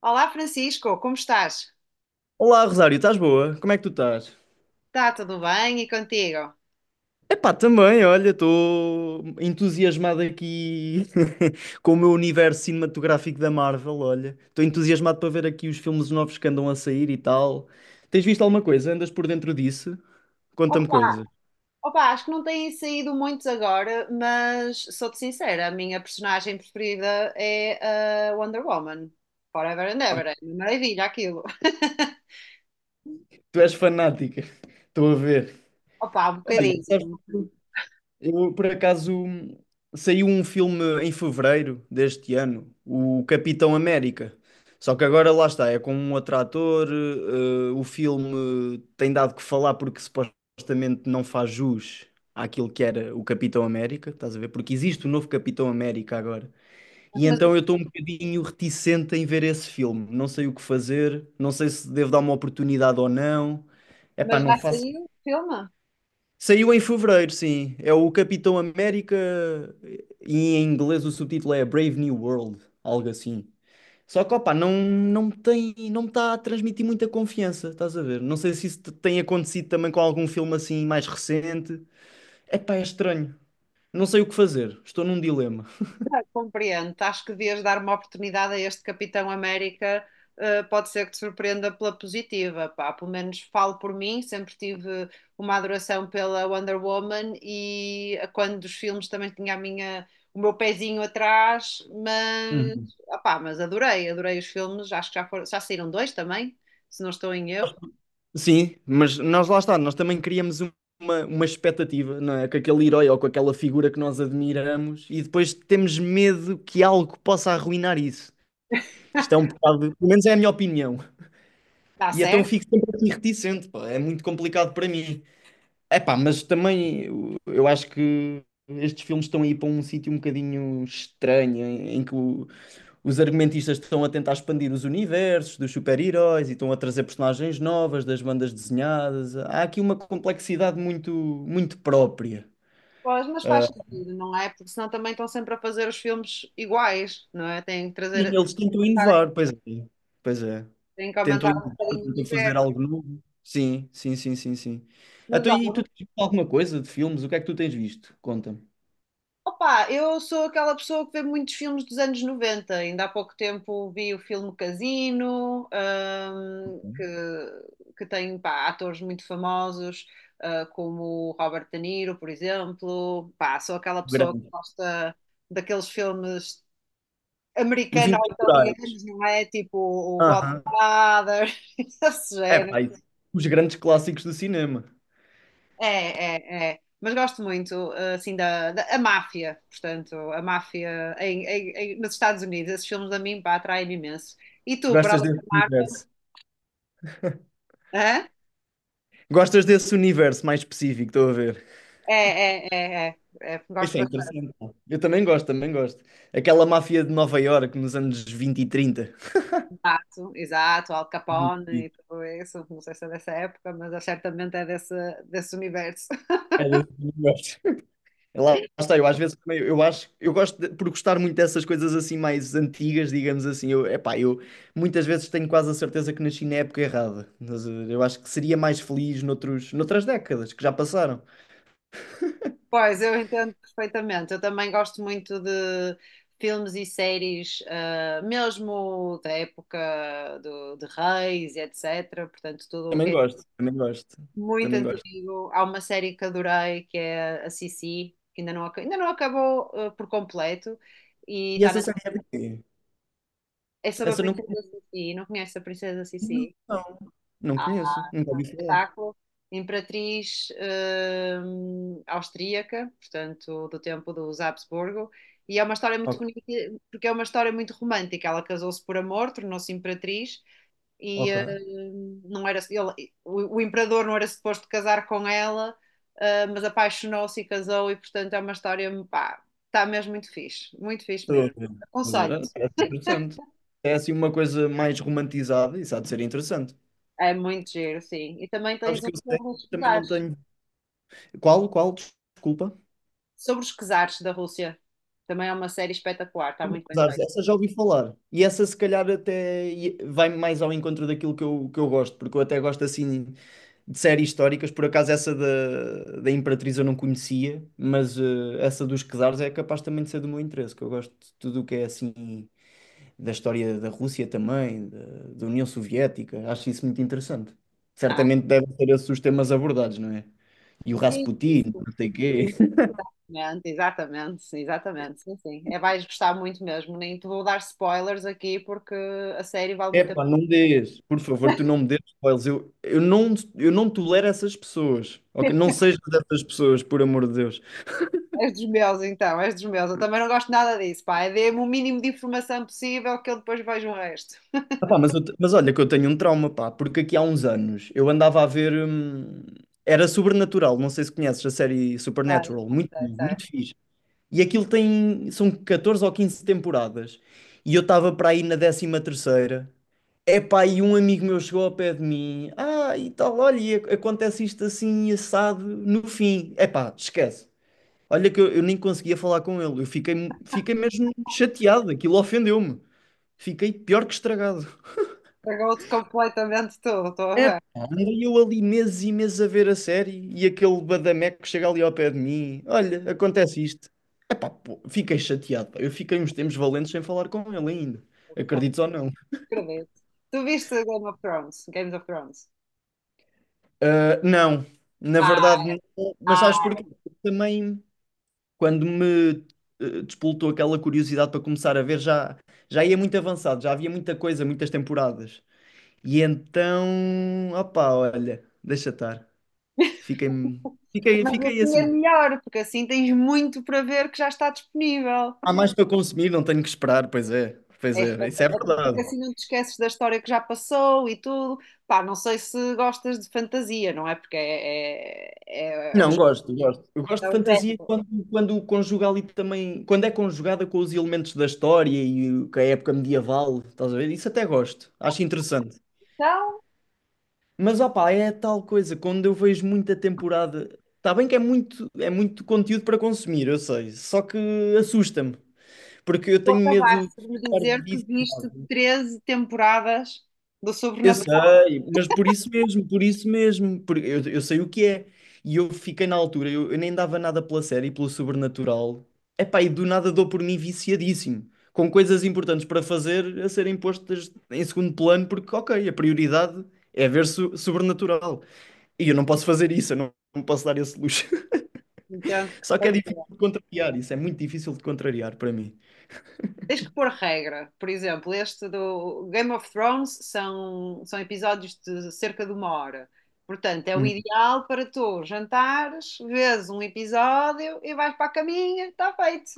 Olá Francisco, como estás? Olá, Rosário, estás boa? Como é que tu estás? Está tudo bem e contigo? Epá, também, olha, estou entusiasmado aqui com o meu universo cinematográfico da Marvel, olha. Estou entusiasmado para ver aqui os filmes novos que andam a sair e tal. Tens visto alguma coisa? Andas por dentro disso? Opa, Conta-me coisas. opa, acho que não têm saído muitos agora, mas sou-te sincera, a minha personagem preferida é a Wonder Woman. Forever and Ah, ever, é uma maravilha aquilo. tu és fanática. Estou a ver. Opa, um Olha, sabes? bocadinho. Eu, por acaso, saiu um filme em fevereiro deste ano, o Capitão América. Só que agora lá está, é com um outro ator. O filme tem dado que falar porque supostamente não faz jus àquilo que era o Capitão América, estás a ver? Porque existe o novo Capitão América agora. E então eu estou um bocadinho reticente em ver esse filme. Não sei o que fazer, não sei se devo dar uma oportunidade ou não. Epá, Mas não já faço. saiu o filme? Saiu em fevereiro, sim. É o Capitão América e em inglês o subtítulo é Brave New World, algo assim. Só que, opá, não me tem, não me está a transmitir muita confiança, estás a ver? Não sei se isso tem acontecido também com algum filme assim mais recente. Epá, é estranho. Não sei o que fazer. Estou num dilema. Ah, compreendo. Acho que devias dar uma oportunidade a este Capitão América. Pode ser que te surpreenda pela positiva, pá. Pelo menos falo por mim, sempre tive uma adoração pela Wonder Woman e a quando dos filmes também tinha a minha, o meu pezinho atrás, mas, Uhum. opá, mas adorei, adorei os filmes. Acho que já foram, já saíram dois também, se não estou em erro. Sim, mas nós lá está, nós também criamos uma expectativa, não é? Com aquele herói ou com aquela figura que nós admiramos e depois temos medo que algo possa arruinar isso. Isto é um bocado, pelo menos é a minha opinião. Está E então eu certo? fico sempre assim reticente, pá. É muito complicado para mim. É pá, mas também eu acho que estes filmes estão aí para um sítio um bocadinho estranho, em que os argumentistas estão a tentar expandir os universos dos super-heróis e estão a trazer personagens novas das bandas desenhadas. Há aqui uma complexidade muito, muito própria. Pois, mas faz sentido, não é? Porque senão também estão sempre a fazer os filmes iguais, não é? Têm que E trazer, eles tentam inovar, pois é. Pois é. tem que Tentam aumentar um inovar, bocadinho o tentam fazer universo. algo novo. Sim, sim, sim, sim, sim. Mas Então, olha, e tu tens visto alguma coisa de filmes? O que é que tu tens visto? Conta-me. opa, eu sou aquela pessoa que vê muitos filmes dos anos 90. Ainda há pouco tempo vi o filme Casino, que tem pá, atores muito famosos, ah, como o Robert De Niro, por exemplo. Pá, sou aquela pessoa que Grande. gosta daqueles filmes Os americanos ou Intemporais. italianos, não é? Tipo o Aham. Godfather, esse É género. pá, isso. Os grandes clássicos do cinema. É, é, é. Mas gosto muito, assim, da a máfia, portanto, a máfia nos Estados Unidos. Esses filmes a mim, pá, atraem-me imenso. E tu, para Gostas além da desse máfia? universo? Hã? Gostas desse universo mais específico, estou a ver. É, é, é, é, é. Gosto Isso é bastante. interessante, pá. Eu também gosto, também gosto. Aquela máfia de Nova Iorque nos anos 20 e 30. Exato, exato, Al Capone e tudo isso. Não sei se é dessa época, mas é certamente é desse universo. É, eu também gosto. Lá está, eu às vezes também, eu acho, eu gosto por gostar muito dessas coisas assim mais antigas, digamos assim, eu, epá, eu muitas vezes tenho quase a certeza que nasci na época errada, mas eu acho que seria mais feliz noutras décadas que já passaram. Pois, eu entendo perfeitamente. Eu também gosto muito de filmes e séries, ah, mesmo da época de Reis e etc. Portanto, tudo o que Também é gosto, também gosto, muito também gosto. antigo. Há uma série que adorei, que é a Sissi, que ainda não, ainda não acabou, ah, por completo. E E está essa na... série é de quê? É sobre a Essa eu não princesa conheço. Sissi. Não conhece a princesa Sissi? Não, não conheço, nunca ouvi falar. Espetáculo, imperatriz austríaca, portanto, do tempo dos Habsburgo, e é uma história muito Ok, bonita, porque é uma história muito romântica. Ela casou-se por amor, tornou-se imperatriz, e ok. Não era, o imperador não era suposto casar com ela, ah, mas apaixonou-se e casou, e portanto é uma história, pá, está mesmo muito fixe Estou a mesmo. ver, estou a ver. Ah, Aconselho-te. parece interessante. É assim uma coisa mais romantizada, isso há de ser interessante. É muito giro, sim. E também Sabes tens um que eu sei, filme de também estudar. não tenho. Qual, qual? Desculpa. Sobre os czares da Rússia. Também é uma série espetacular, está muito bem Zares, feita. essa já ouvi falar. E essa se calhar até vai mais ao encontro daquilo que que eu gosto, porque eu até gosto assim de séries históricas, por acaso essa da, Imperatriz eu não conhecia, mas essa dos Czares é capaz também de ser do meu interesse, que eu gosto de tudo o que é assim da história da Rússia também, da, União Soviética, acho isso muito interessante. Ah, Certamente devem ser esses os temas abordados, não é? E o sim, Rasputin, sim, não sei quê. sim, exatamente, exatamente, sim, sim. É, vais gostar muito mesmo. Nem te vou dar spoilers aqui porque a série vale muito a Epá, não me dês, por favor, tu não me dês spoilers. Eu não tolero essas pessoas. pena. Ok? Não sejas dessas pessoas, por amor de Deus. És dos meus, então, és dos meus. Eu também não gosto nada disso, pá. É. Dê-me o mínimo de informação possível que eu depois vejo o resto. Ah, pá, mas, olha que eu tenho um trauma, pá, porque aqui há uns anos eu andava a ver, era Sobrenatural, não sei se conheces a série Sei, Supernatural, sei, muito, sei, bom, sei. muito fixe. E aquilo tem. São 14 ou 15 temporadas. E eu estava para aí na 13.ª. Epá, e um amigo meu chegou ao pé de mim. Ah, e tal, olha, e acontece isto assim, assado, no fim. Epá, esquece. Olha que eu nem conseguia falar com ele. Eu fiquei mesmo chateado. Aquilo ofendeu-me. Fiquei pior que estragado. Pagou-te completamente tudo, estou a ver. Andei eu ali meses e meses a ver a série e aquele badameco que chega ali ao pé de mim. Olha, acontece isto. Epá, pô, fiquei chateado, pá. Eu fiquei uns tempos valentes sem falar com ele ainda. Acredites ou não? Acredito. Tu viste Game of Thrones? Games of Thrones? Ah, não, na verdade, não. Mas sabes Ah, porquê? Também. Quando me despoltou aquela curiosidade para começar a ver, já ia muito avançado, já havia muita coisa, muitas temporadas. E então, opá, olha, deixa estar. Fiquei, fiquei, mas fiquei assim é assim. melhor, porque assim tens muito para ver que já está disponível. Há mais para consumir, não tenho que esperar, pois É só é, isso é porque verdade. assim não te esqueces da história que já passou e tudo. Pá, não sei se gostas de fantasia, não é? Porque é o Não, jeito gosto, gosto. Eu gosto que é de o fantasia género. quando conjuga ali também, quando é conjugada com os elementos da história e com a época medieval, estás a ver? Isso até gosto, acho interessante. Então, Mas opá, é tal coisa, quando eu vejo muita temporada, está bem que é muito conteúdo para consumir, eu sei, só que assusta-me, porque eu tu tenho medo de acabaste de me ficar dizer que viste viciado. 13 temporadas do Eu Sobrenatural. sei, mas por isso mesmo, porque eu sei o que é. E eu fiquei na altura, eu nem dava nada pela série, pelo sobrenatural. Epá, e do nada dou por mim viciadíssimo, com coisas importantes para fazer a serem postas em segundo plano, porque ok, a prioridade é ver sobrenatural. E eu não posso fazer isso, eu não posso dar esse luxo. Então, Só que foi. é difícil de contrariar isso, é muito difícil de contrariar para mim. Tens que pôr regra. Por exemplo, este do Game of Thrones são episódios de cerca de uma hora. Portanto, é o Hum. ideal para tu jantares, vês um episódio e vais para a caminha, está feito.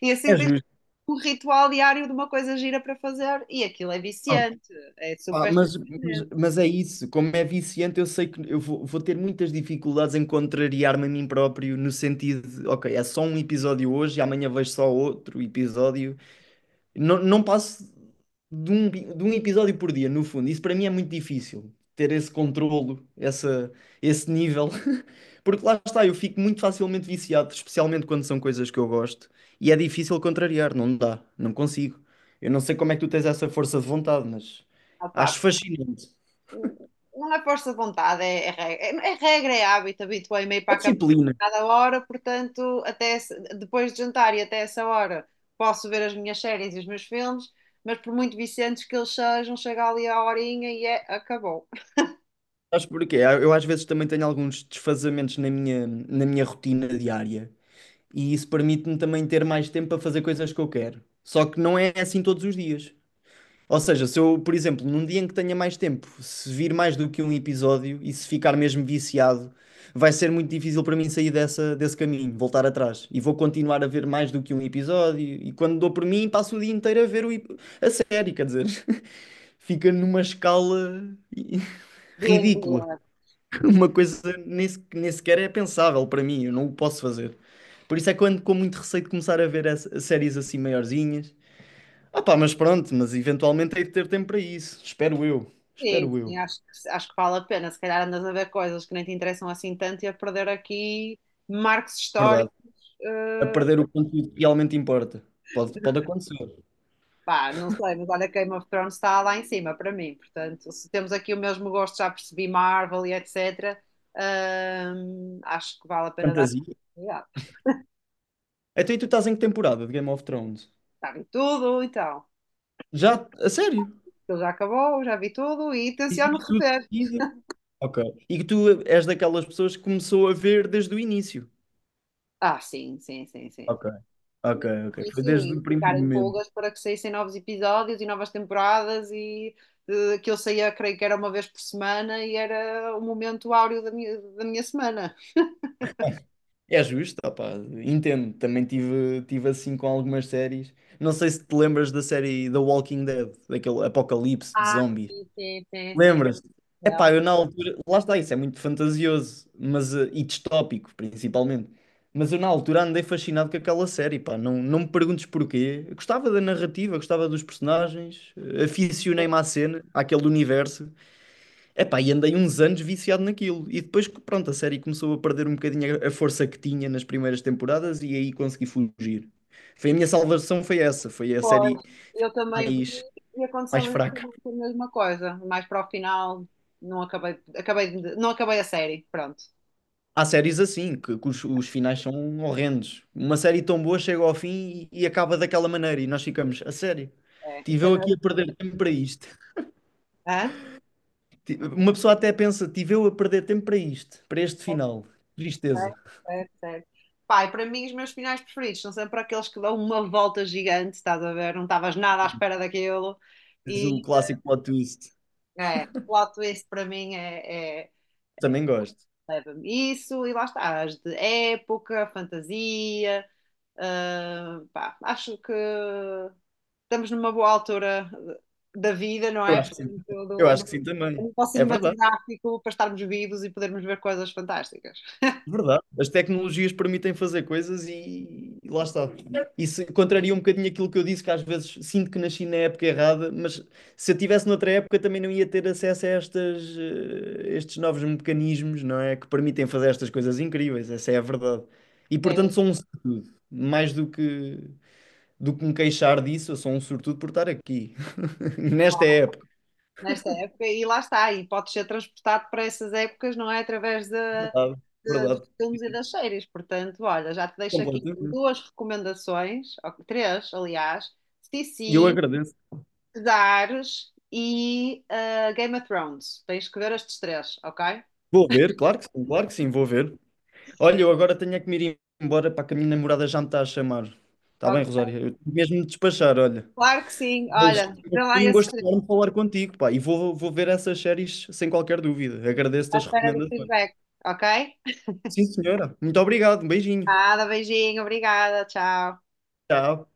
E É assim tens justo. um ritual diário de uma coisa gira para fazer e aquilo é Ah, viciante, é pá, super mas, surpreendente. mas, mas é isso, como é viciante, eu sei que eu vou ter muitas dificuldades em contrariar-me a mim próprio, no sentido de, ok, é só um episódio hoje e amanhã vejo só outro episódio. Não passo de um episódio por dia, no fundo. Isso para mim é muito difícil, ter esse controlo, esse nível. Porque lá está, eu fico muito facilmente viciado, especialmente quando são coisas que eu gosto, e é difícil contrariar, não dá, não consigo. Eu não sei como é que tu tens essa força de vontade, mas Opa, acho fascinante. não é força de vontade, é regra, é regra, é hábito, habituei-me a ir para A a cama disciplina, a cada hora, portanto, até depois de jantar e até essa hora posso ver as minhas séries e os meus filmes, mas por muito viciantes que eles sejam, chega ali a horinha e é, acabou. sabes porquê? Eu às vezes também tenho alguns desfazamentos na minha rotina diária, e isso permite-me também ter mais tempo para fazer coisas que eu quero. Só que não é assim todos os dias. Ou seja, se eu, por exemplo, num dia em que tenha mais tempo, se vir mais do que um episódio e se ficar mesmo viciado, vai ser muito difícil para mim sair desse caminho, voltar atrás. E vou continuar a ver mais do que um episódio. E quando dou por mim, passo o dia inteiro a ver a série, quer dizer, fica numa escala i- ridícula. Doentia. Uma coisa nem, nem sequer é pensável para mim, eu não o posso fazer. Por isso é que eu ando com muito receio de começar a ver séries assim maiorzinhas. Ah pá, mas pronto, mas eventualmente hei de ter tempo para isso. Espero eu. Sim, Espero sim, eu. acho que vale a pena. Se calhar andas a ver coisas que nem te interessam assim tanto e a perder aqui marcos históricos Verdade. A eh, perder o conteúdo que realmente importa. Pode acontecer. Pá, não sei, mas olha, Game of Thrones está lá em cima para mim. Portanto, se temos aqui o mesmo gosto, já percebi Marvel e etc. Acho que vale a pena dar uma Fantasia. oportunidade. Então e tu estás em que temporada de Game of Thrones? Já vi tudo, então. Já? A sério? Aquilo já acabou, já vi tudo e E tenciono que tu... rever. e- Ok. E que tu és daquelas pessoas que começou a ver desde o início. Ah, sim, sim, sim, sim, Ok. sim. Ok, Ainda ok. no Foi início desde e o primeiro ficar em momento. pulgas para que saíssem novos episódios e novas temporadas e que eu saía, creio que era uma vez por semana e era o momento áureo da minha semana. É justo, ah pá, entendo. Também tive assim com algumas séries. Não sei se te lembras da série The Walking Dead, daquele apocalipse de Ah, zombies. sim, sim, sim, sim. Lembras-te? Epá, eu na altura, lá está, isso é muito fantasioso, mas e distópico, principalmente. Mas eu na altura andei fascinado com aquela série, pá, não me perguntes porquê. Eu gostava da narrativa, gostava dos personagens, aficionei-me à cena, àquele universo. Epá, e andei uns anos viciado naquilo. E depois, que, pronto, a série começou a perder um bocadinho a força que tinha nas primeiras temporadas e aí consegui fugir. Foi a minha salvação, foi essa, foi a série Pois, eu também vi mais, e mais aconteceu fraca. exatamente a mesma coisa. Mais para o final, não acabei a série. Pronto. Há séries assim, que os finais são horrendos. Uma série tão boa chega ao fim e acaba daquela maneira e nós ficamos, a sério, É, tive isso é eu aqui a mesmo. perder tempo para isto. Hã? Uma pessoa até pensa, tive eu a perder tempo para isto, para este Certo, final. Tristeza. certo, certo, certo. Pai, para mim, os meus finais preferidos são sempre aqueles que dão uma volta gigante, estás a ver? Não estavas nada à espera daquilo. Mas o E clássico plot twist. é, o plot twist para mim é, Também gosto. leva-me isso, e lá está, as de época, fantasia. Pá, acho que estamos numa boa altura da vida, não Eu é? acho que sim. Portanto, Eu acho que sim a também. nível É verdade. cinematográfico para estarmos vivos e podermos ver coisas fantásticas. Verdade. As tecnologias permitem fazer coisas e lá está. Isso contraria um bocadinho aquilo que eu disse, que às vezes sinto que nasci na época errada, mas se eu tivesse noutra época também não ia ter acesso a estes novos mecanismos, não é? Que permitem fazer estas coisas incríveis, essa é a verdade. E É, portanto sou um sortudo, mais do que me queixar disso, eu sou um sortudo por estar aqui, nesta claro, época. nesta época, e lá está, e pode ser transportado para essas épocas, não é? Através da Verdade, dos verdade, filmes e das séries. Portanto, olha, já te deixo aqui completamente. duas recomendações, ou três, aliás: C. E eu CC, agradeço. Dares e Game of Thrones. Tens que ver estes três, ok? Vou ver, claro que sim, vou ver. Olha, eu agora tenho é que me ir embora para que a minha namorada já me está a chamar. Está Oh, bem, Rosário? Eu tenho mesmo de despachar, olha. claro que sim. Mas Olha, vê lá foi um esse gosto estrelinho, enorme falar contigo, pá. E vou ver essas séries sem qualquer dúvida. à Agradeço-te as espera do recomendações. feedback, ok? Sim, senhora. Muito obrigado. Um beijinho. Nada, beijinho, obrigada, tchau. Tchau.